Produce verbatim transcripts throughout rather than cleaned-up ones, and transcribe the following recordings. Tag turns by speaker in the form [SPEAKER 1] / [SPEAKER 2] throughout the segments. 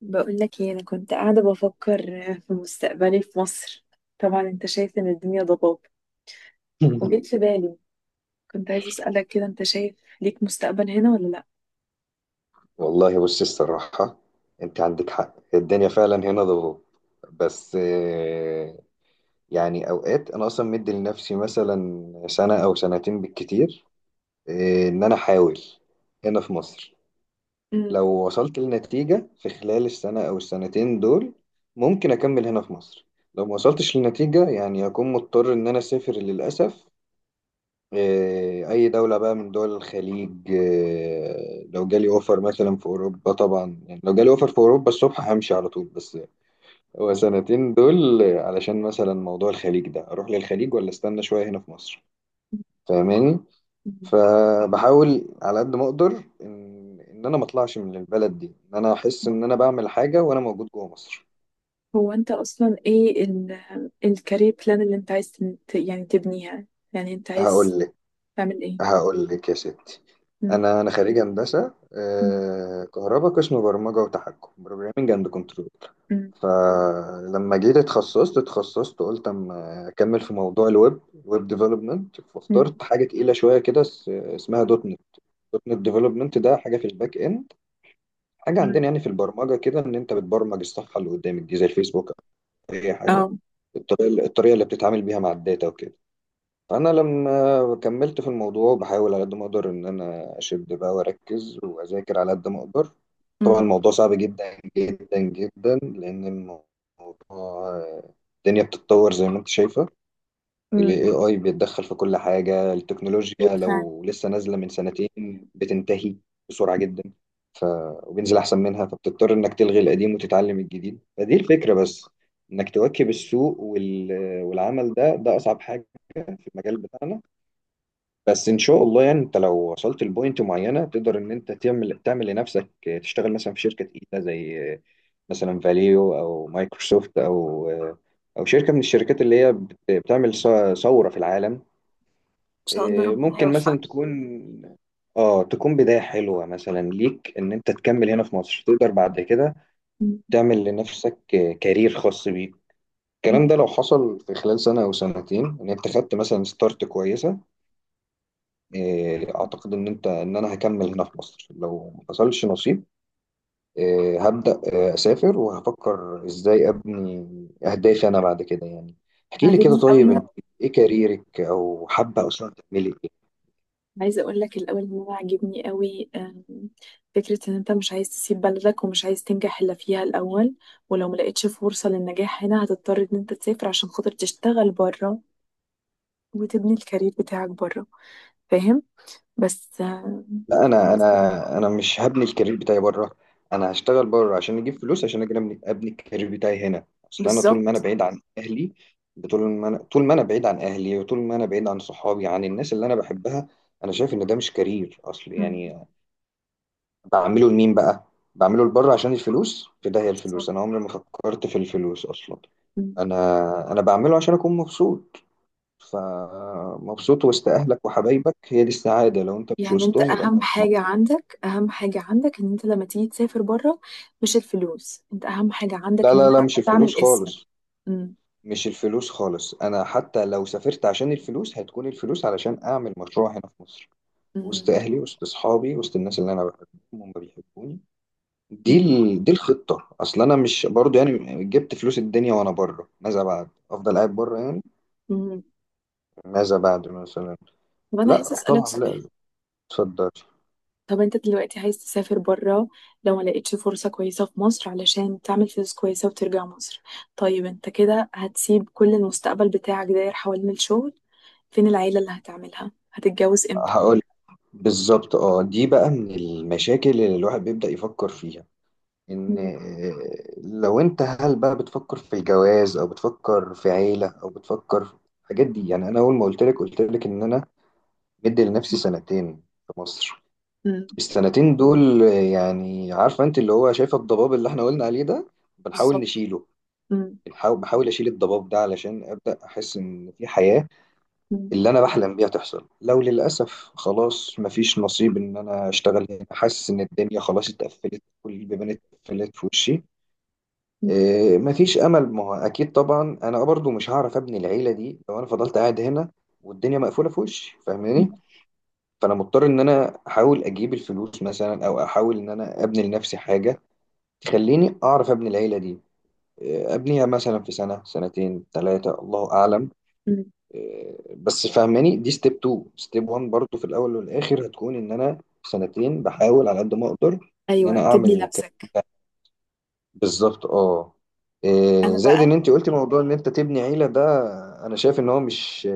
[SPEAKER 1] بقول لك ايه، انا كنت قاعده بفكر في مستقبلي في مصر. طبعا انت شايف ان الدنيا ضباب، وجيت في بالي. كنت عايزه اسالك كده: انت شايف ليك مستقبل هنا ولا لا؟
[SPEAKER 2] والله، بص الصراحة، انت عندك حق. الدنيا فعلا هنا ضغوط. بس آه، يعني اوقات انا اصلا مدي لنفسي مثلا سنة او سنتين بالكتير. آه، ان انا احاول هنا في مصر.
[SPEAKER 1] مم.
[SPEAKER 2] لو وصلت لنتيجة في خلال السنة او السنتين دول، ممكن اكمل هنا في مصر. لو ما وصلتش لنتيجة، يعني هكون مضطر ان انا اسافر للأسف. آه، أي دولة بقى من دول الخليج. آه، لو جالي أوفر مثلا في أوروبا، طبعا يعني لو جالي أوفر في أوروبا الصبح همشي على طول. بس هو سنتين دول آه، علشان مثلا موضوع الخليج ده، أروح للخليج ولا استنى شوية هنا في مصر؟ فاهماني؟
[SPEAKER 1] مم.
[SPEAKER 2] فبحاول على قد ما أقدر إن إن أنا ما أطلعش من البلد دي، إن أنا أحس إن أنا بعمل حاجة وأنا موجود جوه مصر.
[SPEAKER 1] هو انت اصلا ايه ال الكارير بلان اللي انت عايز تن- ت- يعني تبنيها؟ يعني انت عايز
[SPEAKER 2] هقول
[SPEAKER 1] تعمل ايه؟
[SPEAKER 2] هقول لك يا ستي.
[SPEAKER 1] مم.
[SPEAKER 2] انا انا خريج هندسه
[SPEAKER 1] مم.
[SPEAKER 2] آه، كهرباء، قسم برمجه وتحكم، بروجرامنج اند كنترول.
[SPEAKER 1] مم.
[SPEAKER 2] فلما جيت اتخصصت اتخصصت، قلت اما اكمل في موضوع الويب، ويب ديفلوبمنت. فاخترت حاجه تقيله شويه كده اس- اسمها دوت نت. دوت نت ديفلوبمنت ده حاجه في الباك اند، حاجه عندنا
[SPEAKER 1] مم.
[SPEAKER 2] يعني في البرمجه كده، ان انت بتبرمج الصفحه اللي قدامك دي زي الفيسبوك او اي حاجه.
[SPEAKER 1] اه.
[SPEAKER 2] الطريقه الطريقه اللي بتتعامل بيها مع الداتا وكده. انا لما كملت في الموضوع بحاول على قد ما اقدر ان انا اشد بقى واركز واذاكر على قد ما اقدر. طبعا
[SPEAKER 1] أمم.
[SPEAKER 2] الموضوع صعب جدا جدا جدا، لان الموضوع، الدنيا بتتطور زي ما انت شايفه. ال
[SPEAKER 1] امم
[SPEAKER 2] إيه آي بيتدخل في كل حاجة.
[SPEAKER 1] ايوه
[SPEAKER 2] التكنولوجيا
[SPEAKER 1] فعلا. ان
[SPEAKER 2] لو لسه نازلة من سنتين بتنتهي بسرعة جدا. ف... وبينزل أحسن منها، فبتضطر إنك تلغي القديم وتتعلم الجديد. فدي الفكرة، بس إنك تواكب السوق وال... والعمل ده ده أصعب حاجة في المجال بتاعنا. بس ان شاء الله يعني انت لو وصلت لبوينت معينه تقدر ان انت تعمل تعمل لنفسك. تشتغل مثلا في شركه تقيله زي مثلا فاليو او مايكروسوفت او او شركه من الشركات اللي هي بت- بتعمل ث- ثوره في العالم.
[SPEAKER 1] شاء الله ربنا
[SPEAKER 2] ممكن مثلا
[SPEAKER 1] يوفقنا.
[SPEAKER 2] تكون اه تكون بدايه حلوه مثلا ليك ان انت تكمل هنا في مصر، تقدر بعد كده
[SPEAKER 1] أمم.
[SPEAKER 2] تعمل لنفسك كارير خاص بيك. الكلام
[SPEAKER 1] أمم.
[SPEAKER 2] ده لو حصل في خلال سنه او سنتين ان انت خدت مثلا ستارت كويسه، إيه، اعتقد ان انت ان انا هكمل هنا في مصر. لو ما حصلش نصيب، إيه، هبدا، إيه، اسافر وهفكر ازاي ابني اهدافي انا بعد كده يعني. احكي لي كده.
[SPEAKER 1] عاجبني
[SPEAKER 2] طيب
[SPEAKER 1] قوي.
[SPEAKER 2] انت ايه كاريرك، او حابه اصلا تعملي ايه؟
[SPEAKER 1] عايزه اقول لك الاول ان انا عاجبني قوي آم، فكره ان انت مش عايز تسيب بلدك ومش عايز تنجح الا فيها الاول، ولو ما لقيتش فرصه للنجاح هنا هتضطر ان انت تسافر عشان خاطر تشتغل بره وتبني الكارير بتاعك بره. فاهم؟ بس آم،
[SPEAKER 2] لا انا انا انا مش هبني الكارير بتاعي بره. انا هشتغل بره عشان اجيب فلوس عشان اجي ابني أبني الكارير بتاعي هنا. اصل انا طول ما انا
[SPEAKER 1] بالظبط.
[SPEAKER 2] بعيد عن اهلي، طول ما انا طول ما انا بعيد عن اهلي، وطول ما انا بعيد عن صحابي، عن الناس اللي انا بحبها، انا شايف ان ده مش كارير اصل
[SPEAKER 1] أمم،
[SPEAKER 2] يعني. بعمله لمين بقى؟ بعمله لبره عشان الفلوس، في داهية
[SPEAKER 1] بالظبط.
[SPEAKER 2] الفلوس، انا عمري ما فكرت في الفلوس اصلا. انا انا بعمله عشان اكون مبسوط. فمبسوط وسط اهلك وحبايبك هي دي السعادة. لو انت مش
[SPEAKER 1] يعني انت
[SPEAKER 2] وسطهم يبقى انت
[SPEAKER 1] اهم
[SPEAKER 2] مش مبسوط.
[SPEAKER 1] حاجة عندك، اهم حاجة عندك ان انت لما تيجي تسافر بره مش الفلوس، انت اهم حاجة عندك
[SPEAKER 2] لا،
[SPEAKER 1] ان انت
[SPEAKER 2] لا، لا، مش الفلوس
[SPEAKER 1] تعمل اسم.
[SPEAKER 2] خالص.
[SPEAKER 1] مم.
[SPEAKER 2] مش الفلوس خالص. انا حتى لو سافرت عشان الفلوس، هتكون الفلوس علشان اعمل مشروع هنا في مصر،
[SPEAKER 1] مم.
[SPEAKER 2] وسط اهلي، وسط اصحابي، وسط الناس اللي انا بحبهم وما بيحبوني. دي
[SPEAKER 1] مم.
[SPEAKER 2] ال... دي الخطة. اصل انا مش برضو يعني جبت فلوس الدنيا وانا بره، ماذا بعد؟ افضل قاعد بره يعني؟
[SPEAKER 1] مم.
[SPEAKER 2] ماذا بعد مثلا؟
[SPEAKER 1] طب انا عايزة
[SPEAKER 2] لا
[SPEAKER 1] اسألك
[SPEAKER 2] طبعا، لا،
[SPEAKER 1] سؤال.
[SPEAKER 2] اتفضل.
[SPEAKER 1] طب انت دلوقتي عايز تسافر بره لو ما لقيتش فرصة كويسة في مصر، علشان تعمل فلوس كويسة وترجع مصر. طيب انت كده هتسيب كل المستقبل بتاعك داير حوالين الشغل؟ فين العيلة اللي هتعملها؟ هتتجوز امتى؟
[SPEAKER 2] هقول. بالظبط اه. دي بقى من المشاكل اللي الواحد بيبدأ يفكر فيها، ان
[SPEAKER 1] مم.
[SPEAKER 2] آه، لو انت، هل بقى بتفكر في الجواز او بتفكر في عيلة او بتفكر في الحاجات دي. يعني انا اول ما قلت لك قلت لك ان انا مدي لنفسي سنتين في مصر.
[SPEAKER 1] مم.
[SPEAKER 2] السنتين دول يعني، عارفه انت اللي هو شايفه الضباب اللي احنا قلنا عليه ده، بنحاول
[SPEAKER 1] بالظبط.
[SPEAKER 2] نشيله.
[SPEAKER 1] مم.
[SPEAKER 2] بنحاول بحاول اشيل الضباب ده علشان ابدا احس ان في حياه
[SPEAKER 1] مم.
[SPEAKER 2] اللي انا بحلم بيها تحصل. لو للاسف خلاص مفيش نصيب ان انا اشتغل هنا، حاسس ان الدنيا خلاص اتقفلت، كل البيبان اتقفلت في وشي، إيه، مفيش امل. ما هو اكيد طبعا انا برضو مش هعرف ابني العيله دي لو انا فضلت قاعد هنا والدنيا مقفوله في وشي.
[SPEAKER 1] مم.
[SPEAKER 2] فاهماني؟ فانا مضطر ان انا احاول اجيب الفلوس مثلا، او احاول ان انا ابني لنفسي حاجه تخليني اعرف ابني العيله دي. آه، ابنيها مثلا في سنه، سنتين، ثلاثه، الله اعلم.
[SPEAKER 1] مم.
[SPEAKER 2] آه، بس فهماني، دي ستيب اتنين، ستيب واحد برضو في الاول والاخر، هتكون ان انا في سنتين بحاول على قد ما اقدر ان
[SPEAKER 1] ايوه،
[SPEAKER 2] انا اعمل
[SPEAKER 1] تبني
[SPEAKER 2] الكلام
[SPEAKER 1] نفسك.
[SPEAKER 2] ده. بالظبط اه. آه،
[SPEAKER 1] انا
[SPEAKER 2] زائد
[SPEAKER 1] بقى
[SPEAKER 2] ان انت قلتي موضوع ان انت تبني عيله ده، انا شايف ان هو مش،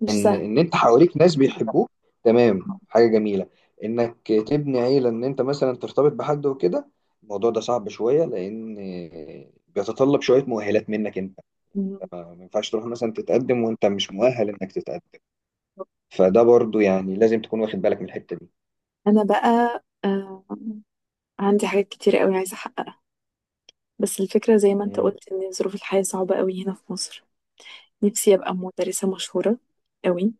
[SPEAKER 1] مش
[SPEAKER 2] ان
[SPEAKER 1] سهل.
[SPEAKER 2] ان انت حواليك ناس بيحبوك، تمام، حاجه جميله انك تبني عيله ان انت مثلا ترتبط بحد وكده. الموضوع ده صعب شويه، لان بيتطلب شويه مؤهلات منك انت.
[SPEAKER 1] مم.
[SPEAKER 2] ما ينفعش تروح مثلا تتقدم وانت مش مؤهل انك تتقدم. فده برضو يعني لازم تكون واخد بالك من الحته دي.
[SPEAKER 1] انا بقى آه، عندي حاجات كتير قوي عايزه احققها، بس الفكره زي ما انت
[SPEAKER 2] امم
[SPEAKER 1] قلت ان ظروف الحياه صعبه قوي هنا في مصر. نفسي ابقى مدرسه مشهوره قوي.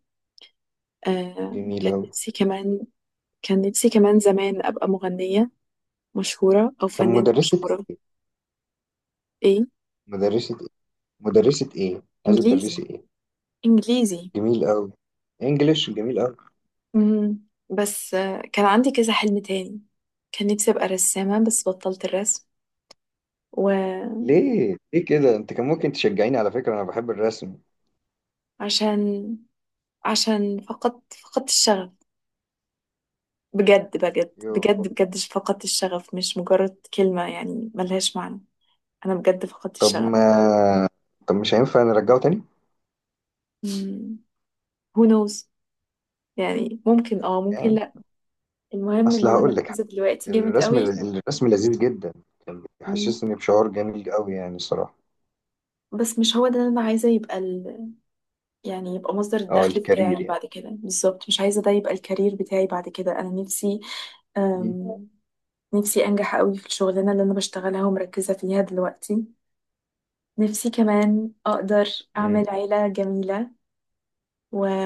[SPEAKER 1] آه،
[SPEAKER 2] جميل
[SPEAKER 1] كان
[SPEAKER 2] قوي.
[SPEAKER 1] نفسي كمان، كان نفسي كمان زمان ابقى مغنيه مشهوره او
[SPEAKER 2] طب
[SPEAKER 1] فنانه
[SPEAKER 2] مدرسه،
[SPEAKER 1] مشهوره. ايه؟
[SPEAKER 2] مدرسه ايه؟ مدرسه ايه عايزه
[SPEAKER 1] انجليزي.
[SPEAKER 2] تدرسي ايه؟
[SPEAKER 1] انجليزي.
[SPEAKER 2] جميل قوي. انجليش، جميل قوي.
[SPEAKER 1] مم. بس آه، كان عندي كذا حلم تاني. كان نفسي ابقى رسامه بس بطلت الرسم.
[SPEAKER 2] ليه ليه كده انت؟ كان ممكن تشجعيني على فكره، انا بحب الرسم.
[SPEAKER 1] وعشان عشان فقدت فقدت الشغف. بجد، بجد،
[SPEAKER 2] يو.
[SPEAKER 1] بجد، بجد فقدت الشغف، مش مجرد كلمة يعني ملهاش معنى. أنا بجد فقدت
[SPEAKER 2] طب
[SPEAKER 1] الشغف.
[SPEAKER 2] ما طب مش هينفع نرجعه تاني
[SPEAKER 1] مم. who knows؟ يعني ممكن اه، ممكن
[SPEAKER 2] يعني؟
[SPEAKER 1] لأ. المهم إن
[SPEAKER 2] اصل
[SPEAKER 1] أنا
[SPEAKER 2] هقول لك حاجة،
[SPEAKER 1] مركزة دلوقتي جامد
[SPEAKER 2] الرسم
[SPEAKER 1] قوي.
[SPEAKER 2] الرسم لذيذ جدا. كان
[SPEAKER 1] مم.
[SPEAKER 2] بيحسسني بشعور جميل قوي يعني الصراحه.
[SPEAKER 1] بس مش هو ده اللي أنا عايزة يبقى ال... يعني يبقى مصدر
[SPEAKER 2] اه،
[SPEAKER 1] الدخل
[SPEAKER 2] الكارير
[SPEAKER 1] بتاعي
[SPEAKER 2] يعني.
[SPEAKER 1] بعد كده. بالظبط مش عايزة ده يبقى الكارير بتاعي بعد كده. أنا نفسي
[SPEAKER 2] مم.
[SPEAKER 1] أم... نفسي أنجح قوي في الشغلانة اللي أنا بشتغلها ومركزة فيها دلوقتي. نفسي كمان أقدر
[SPEAKER 2] مم.
[SPEAKER 1] أعمل عيلة جميلة و...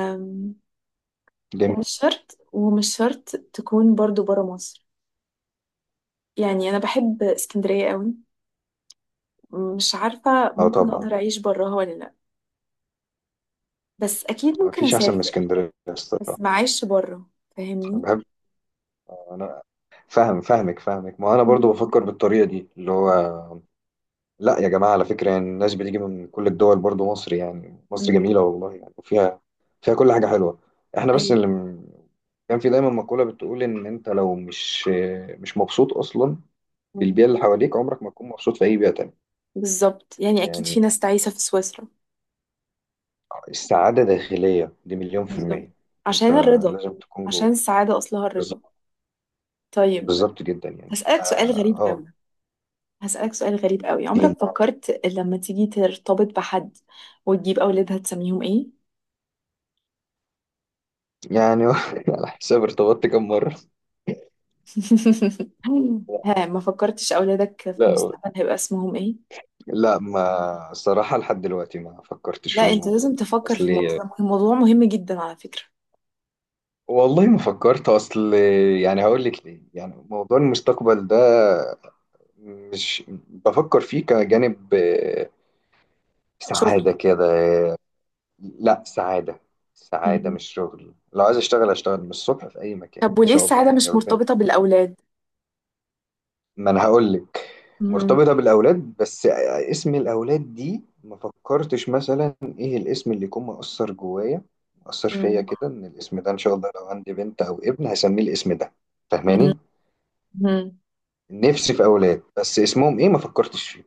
[SPEAKER 2] جميل.
[SPEAKER 1] ومش شرط ومش شرط تكون برضو برا مصر. يعني أنا بحب اسكندرية قوي. مش عارفة
[SPEAKER 2] اه
[SPEAKER 1] ممكن
[SPEAKER 2] طبعا،
[SPEAKER 1] أقدر أعيش براها ولا لأ، بس أكيد ممكن
[SPEAKER 2] مفيش احسن من
[SPEAKER 1] أسافر.
[SPEAKER 2] اسكندريه
[SPEAKER 1] بس
[SPEAKER 2] الصراحه.
[SPEAKER 1] ما أعيش برا.
[SPEAKER 2] انا
[SPEAKER 1] فاهمني؟
[SPEAKER 2] بحب. انا فاهم، فاهمك فاهمك. ما انا برضو
[SPEAKER 1] مم.
[SPEAKER 2] بفكر بالطريقه دي اللي هو. لا يا جماعة، على فكرة يعني الناس بتيجي من كل الدول برضو مصر، يعني مصر
[SPEAKER 1] مم.
[SPEAKER 2] جميلة والله يعني، وفيها فيها كل حاجة حلوة. احنا بس
[SPEAKER 1] أيوه.
[SPEAKER 2] اللي م- كان في دايما مقولة بتقول ان انت لو مش مش مبسوط اصلا
[SPEAKER 1] مم.
[SPEAKER 2] بالبيئة اللي حواليك، عمرك ما تكون مبسوط في اي بيئة تانية.
[SPEAKER 1] بالظبط، يعني أكيد
[SPEAKER 2] يعني
[SPEAKER 1] في ناس تعيسة في سويسرا.
[SPEAKER 2] السعادة داخلية، دي مليون في
[SPEAKER 1] بالظبط.
[SPEAKER 2] المية. انت
[SPEAKER 1] عشان الرضا.
[SPEAKER 2] لازم تكون
[SPEAKER 1] عشان
[SPEAKER 2] جوه.
[SPEAKER 1] السعادة أصلها الرضا.
[SPEAKER 2] بالظبط.
[SPEAKER 1] طيب،
[SPEAKER 2] بالظبط جدا يعني اه.
[SPEAKER 1] هسألك سؤال غريب
[SPEAKER 2] آه،
[SPEAKER 1] قوي. هسألك سؤال غريب قوي:
[SPEAKER 2] دين
[SPEAKER 1] عمرك فكرت لما تيجي ترتبط بحد وتجيب أولادها تسميهم إيه؟
[SPEAKER 2] يعني. على حساب ارتبطت كم مرة؟ لا،
[SPEAKER 1] ها، ما فكرتش أولادك في
[SPEAKER 2] لا،
[SPEAKER 1] المستقبل هيبقى اسمهم إيه؟
[SPEAKER 2] لا، ما صراحة لحد دلوقتي ما فكرتش في
[SPEAKER 1] لا، أنت
[SPEAKER 2] الموضوع
[SPEAKER 1] لازم
[SPEAKER 2] ده.
[SPEAKER 1] تفكر في الموضوع
[SPEAKER 2] اصلي
[SPEAKER 1] ده، الموضوع مهم جدا على فكرة.
[SPEAKER 2] والله ما فكرت، اصل يعني هقول لك ليه. يعني موضوع المستقبل ده مش بفكر فيه كجانب آه،
[SPEAKER 1] شغل.
[SPEAKER 2] سعادة كده. لا سعادة. سعادة
[SPEAKER 1] مهم.
[SPEAKER 2] مش شغل. لو عايز اشتغل اشتغل من الصبح في اي مكان
[SPEAKER 1] طب
[SPEAKER 2] ان
[SPEAKER 1] وليه
[SPEAKER 2] شاء الله
[SPEAKER 1] السعادة
[SPEAKER 2] يعني
[SPEAKER 1] مش
[SPEAKER 2] ربنا.
[SPEAKER 1] مرتبطة بالأولاد؟
[SPEAKER 2] ما انا هقول لك.
[SPEAKER 1] مهم.
[SPEAKER 2] مرتبطه بالاولاد بس اسم الاولاد دي ما فكرتش مثلا ايه الاسم اللي يكون مؤثر جوايا، مؤثر فيا
[SPEAKER 1] مهم.
[SPEAKER 2] كده، ان الاسم ده ان شاء الله لو عندي بنت او ابن هسميه الاسم ده. فاهماني؟
[SPEAKER 1] مهم.
[SPEAKER 2] نفسي في اولاد، بس اسمهم ايه ما فكرتش فيه.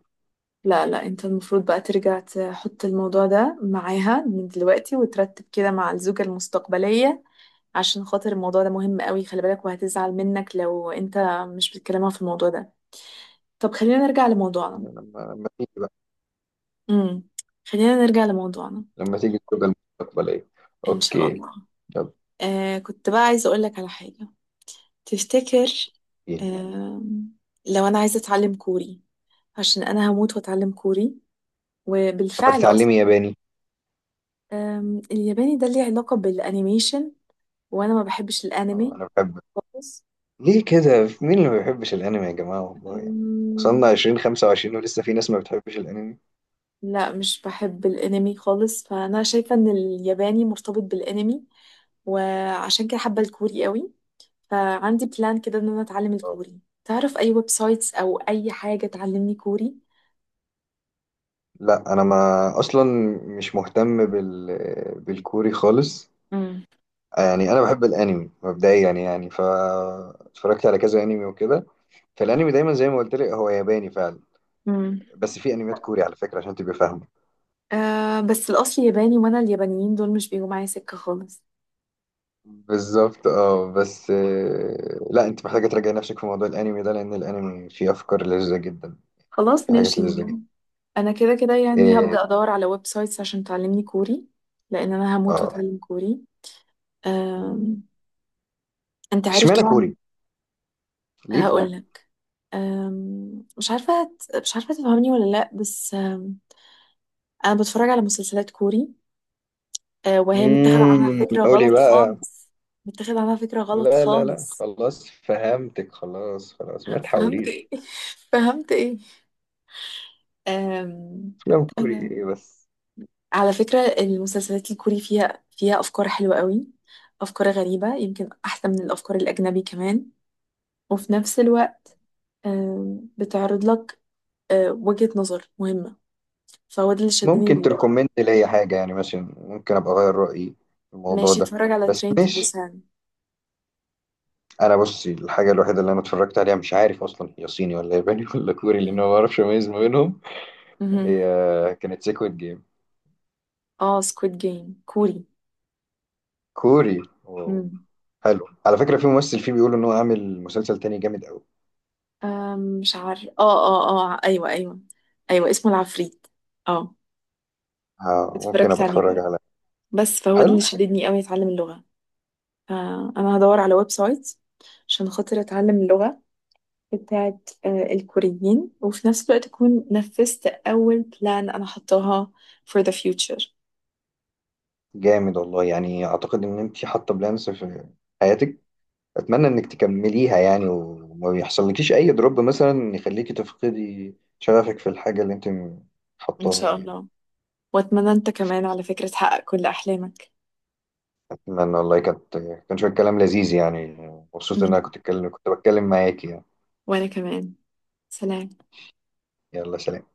[SPEAKER 1] لا لا، أنت المفروض بقى ترجع تحط الموضوع ده معاها من دلوقتي وترتب كده مع الزوجة المستقبلية، عشان خاطر الموضوع ده مهم قوي. خلي بالك، وهتزعل منك لو انت مش بتكلمها في الموضوع ده. طب خلينا نرجع لموضوعنا.
[SPEAKER 2] لما لما تيجي بقى،
[SPEAKER 1] امم خلينا نرجع لموضوعنا.
[SPEAKER 2] لما تيجي الزوجه المستقبليه.
[SPEAKER 1] ان شاء
[SPEAKER 2] اوكي،
[SPEAKER 1] الله.
[SPEAKER 2] طب.
[SPEAKER 1] آه، كنت بقى عايزه اقول لك على حاجه. تفتكر
[SPEAKER 2] ايه؟
[SPEAKER 1] آه، لو انا عايزه اتعلم كوري؟ عشان انا هموت واتعلم كوري.
[SPEAKER 2] طب
[SPEAKER 1] وبالفعل
[SPEAKER 2] هتتعلمي
[SPEAKER 1] اصلا
[SPEAKER 2] ياباني؟
[SPEAKER 1] آم، الياباني ده ليه علاقه بالانيميشن، وانا ما بحبش
[SPEAKER 2] اه
[SPEAKER 1] الانمي
[SPEAKER 2] انا بحب.
[SPEAKER 1] خالص.
[SPEAKER 2] ليه كده؟ مين اللي ما بيحبش الانمي يا جماعه والله يعني. وصلنا الفين وخمسة وعشرين ولسه في ناس ما بتحبش الانمي
[SPEAKER 1] لا، مش بحب الانمي خالص، فانا شايفه ان الياباني مرتبط بالانمي، وعشان كده حابه الكوري قوي. فعندي بلان كده ان انا اتعلم
[SPEAKER 2] آه.
[SPEAKER 1] الكوري. تعرف اي ويب سايتس او اي حاجه تعلمني كوري؟
[SPEAKER 2] لا انا، ما اصلا مش مهتم بال بالكوري خالص.
[SPEAKER 1] امم
[SPEAKER 2] يعني انا بحب الانمي مبدئيا، يعني يعني ف اتفرجت على كذا انمي وكده. فالانمي دايما زي ما قلت لك هو ياباني فعلا.
[SPEAKER 1] امم
[SPEAKER 2] بس في انميات كوري على فكره عشان تبقى فاهمه.
[SPEAKER 1] آه، بس الاصل ياباني، وانا اليابانيين دول مش بيجوا معايا سكه خالص.
[SPEAKER 2] بالظبط اه، بس آه، لا انت محتاجه تراجعي نفسك في موضوع الانمي ده، لان الانمي فيه افكار لذيذه جدا.
[SPEAKER 1] خلاص
[SPEAKER 2] في حاجات
[SPEAKER 1] ماشي
[SPEAKER 2] لذيذه جدا
[SPEAKER 1] يعني. انا كده كده يعني
[SPEAKER 2] اه.
[SPEAKER 1] هبدا ادور على ويب سايتس عشان تعلمني كوري، لان انا هموت
[SPEAKER 2] آه.
[SPEAKER 1] واتعلم كوري. آه، انت عارف
[SPEAKER 2] اشمعنى
[SPEAKER 1] طبعا.
[SPEAKER 2] كوري؟ ليه كوري؟
[SPEAKER 1] هقول لك. أم، مش عارفة هت- مش عارفة تفهمني ولا لأ، بس أم، أنا بتفرج على مسلسلات كوري. أه، وهي متاخد اه عنها
[SPEAKER 2] امم
[SPEAKER 1] فكرة
[SPEAKER 2] قولي
[SPEAKER 1] غلط
[SPEAKER 2] بقى.
[SPEAKER 1] خالص. متاخد عنها فكرة غلط
[SPEAKER 2] لا، لا، لا،
[SPEAKER 1] خالص.
[SPEAKER 2] خلاص فهمتك، خلاص خلاص، ما
[SPEAKER 1] فهمت إيه؟
[SPEAKER 2] تحاوليش.
[SPEAKER 1] فهمت إيه؟ أم،
[SPEAKER 2] افلام كوري
[SPEAKER 1] أنا
[SPEAKER 2] ايه بس؟
[SPEAKER 1] على فكرة المسلسلات الكوري فيها فيها أفكار حلوة قوي. أفكار غريبة يمكن أحسن من الأفكار الأجنبي كمان. وفي نفس الوقت أم، بتعرض لك أه، وجهة نظر مهمة. فهو ده اللي شدني
[SPEAKER 2] ممكن
[SPEAKER 1] لله.
[SPEAKER 2] تركومنت ليا حاجه يعني ماشي، ممكن ابقى اغير رايي في الموضوع
[SPEAKER 1] ماشي،
[SPEAKER 2] ده.
[SPEAKER 1] اتفرج على
[SPEAKER 2] بس
[SPEAKER 1] ترين تو
[SPEAKER 2] ماشي.
[SPEAKER 1] بوسان.
[SPEAKER 2] انا بصي، الحاجه الوحيده اللي انا اتفرجت عليها مش عارف اصلا هي صيني ولا ياباني ولا كوري، لان
[SPEAKER 1] مم.
[SPEAKER 2] أنا ما بعرفش اميز ما بينهم.
[SPEAKER 1] مهم.
[SPEAKER 2] هي كانت سيكويد جيم.
[SPEAKER 1] اه، سكويد جيم كوري.
[SPEAKER 2] كوري. واو.
[SPEAKER 1] مم.
[SPEAKER 2] حلو على فكره. في ممثل فيه بيقول ان هو عامل مسلسل تاني جامد قوي.
[SPEAKER 1] آم، مش عارف اه اه اه ايوه ايوه. ايوه اسمه العفريت. اه،
[SPEAKER 2] آه، ممكن
[SPEAKER 1] اتفرجت
[SPEAKER 2] ابقى
[SPEAKER 1] عليه
[SPEAKER 2] اتفرج
[SPEAKER 1] برضه،
[SPEAKER 2] على.
[SPEAKER 1] بس فهو ده اللي
[SPEAKER 2] حلو
[SPEAKER 1] شددني قوي اتعلم اللغة. فانا هدور على ويب سايت عشان خاطر اتعلم اللغة بتاعت آه، الكوريين، وفي نفس الوقت اكون نفذت اول بلان انا حطاها for the future.
[SPEAKER 2] جامد. والله يعني اعتقد ان انت حاطه بلانس في حياتك. اتمنى انك تكمليها يعني، وما يحصلكيش اي دروب مثلا يخليكي تفقدي شغفك في الحاجه اللي انت
[SPEAKER 1] ان
[SPEAKER 2] حطاها
[SPEAKER 1] شاء
[SPEAKER 2] يعني.
[SPEAKER 1] الله. واتمنى انت كمان على فكرة تحقق كل احلامك.
[SPEAKER 2] اتمنى والله، كانت كان شويه كلام لذيذ يعني. مبسوط ان انا
[SPEAKER 1] مهم.
[SPEAKER 2] كنت اتكلم كنت بتكلم معاكي يعني.
[SPEAKER 1] وانا كمان. سلام.
[SPEAKER 2] يلا سلام.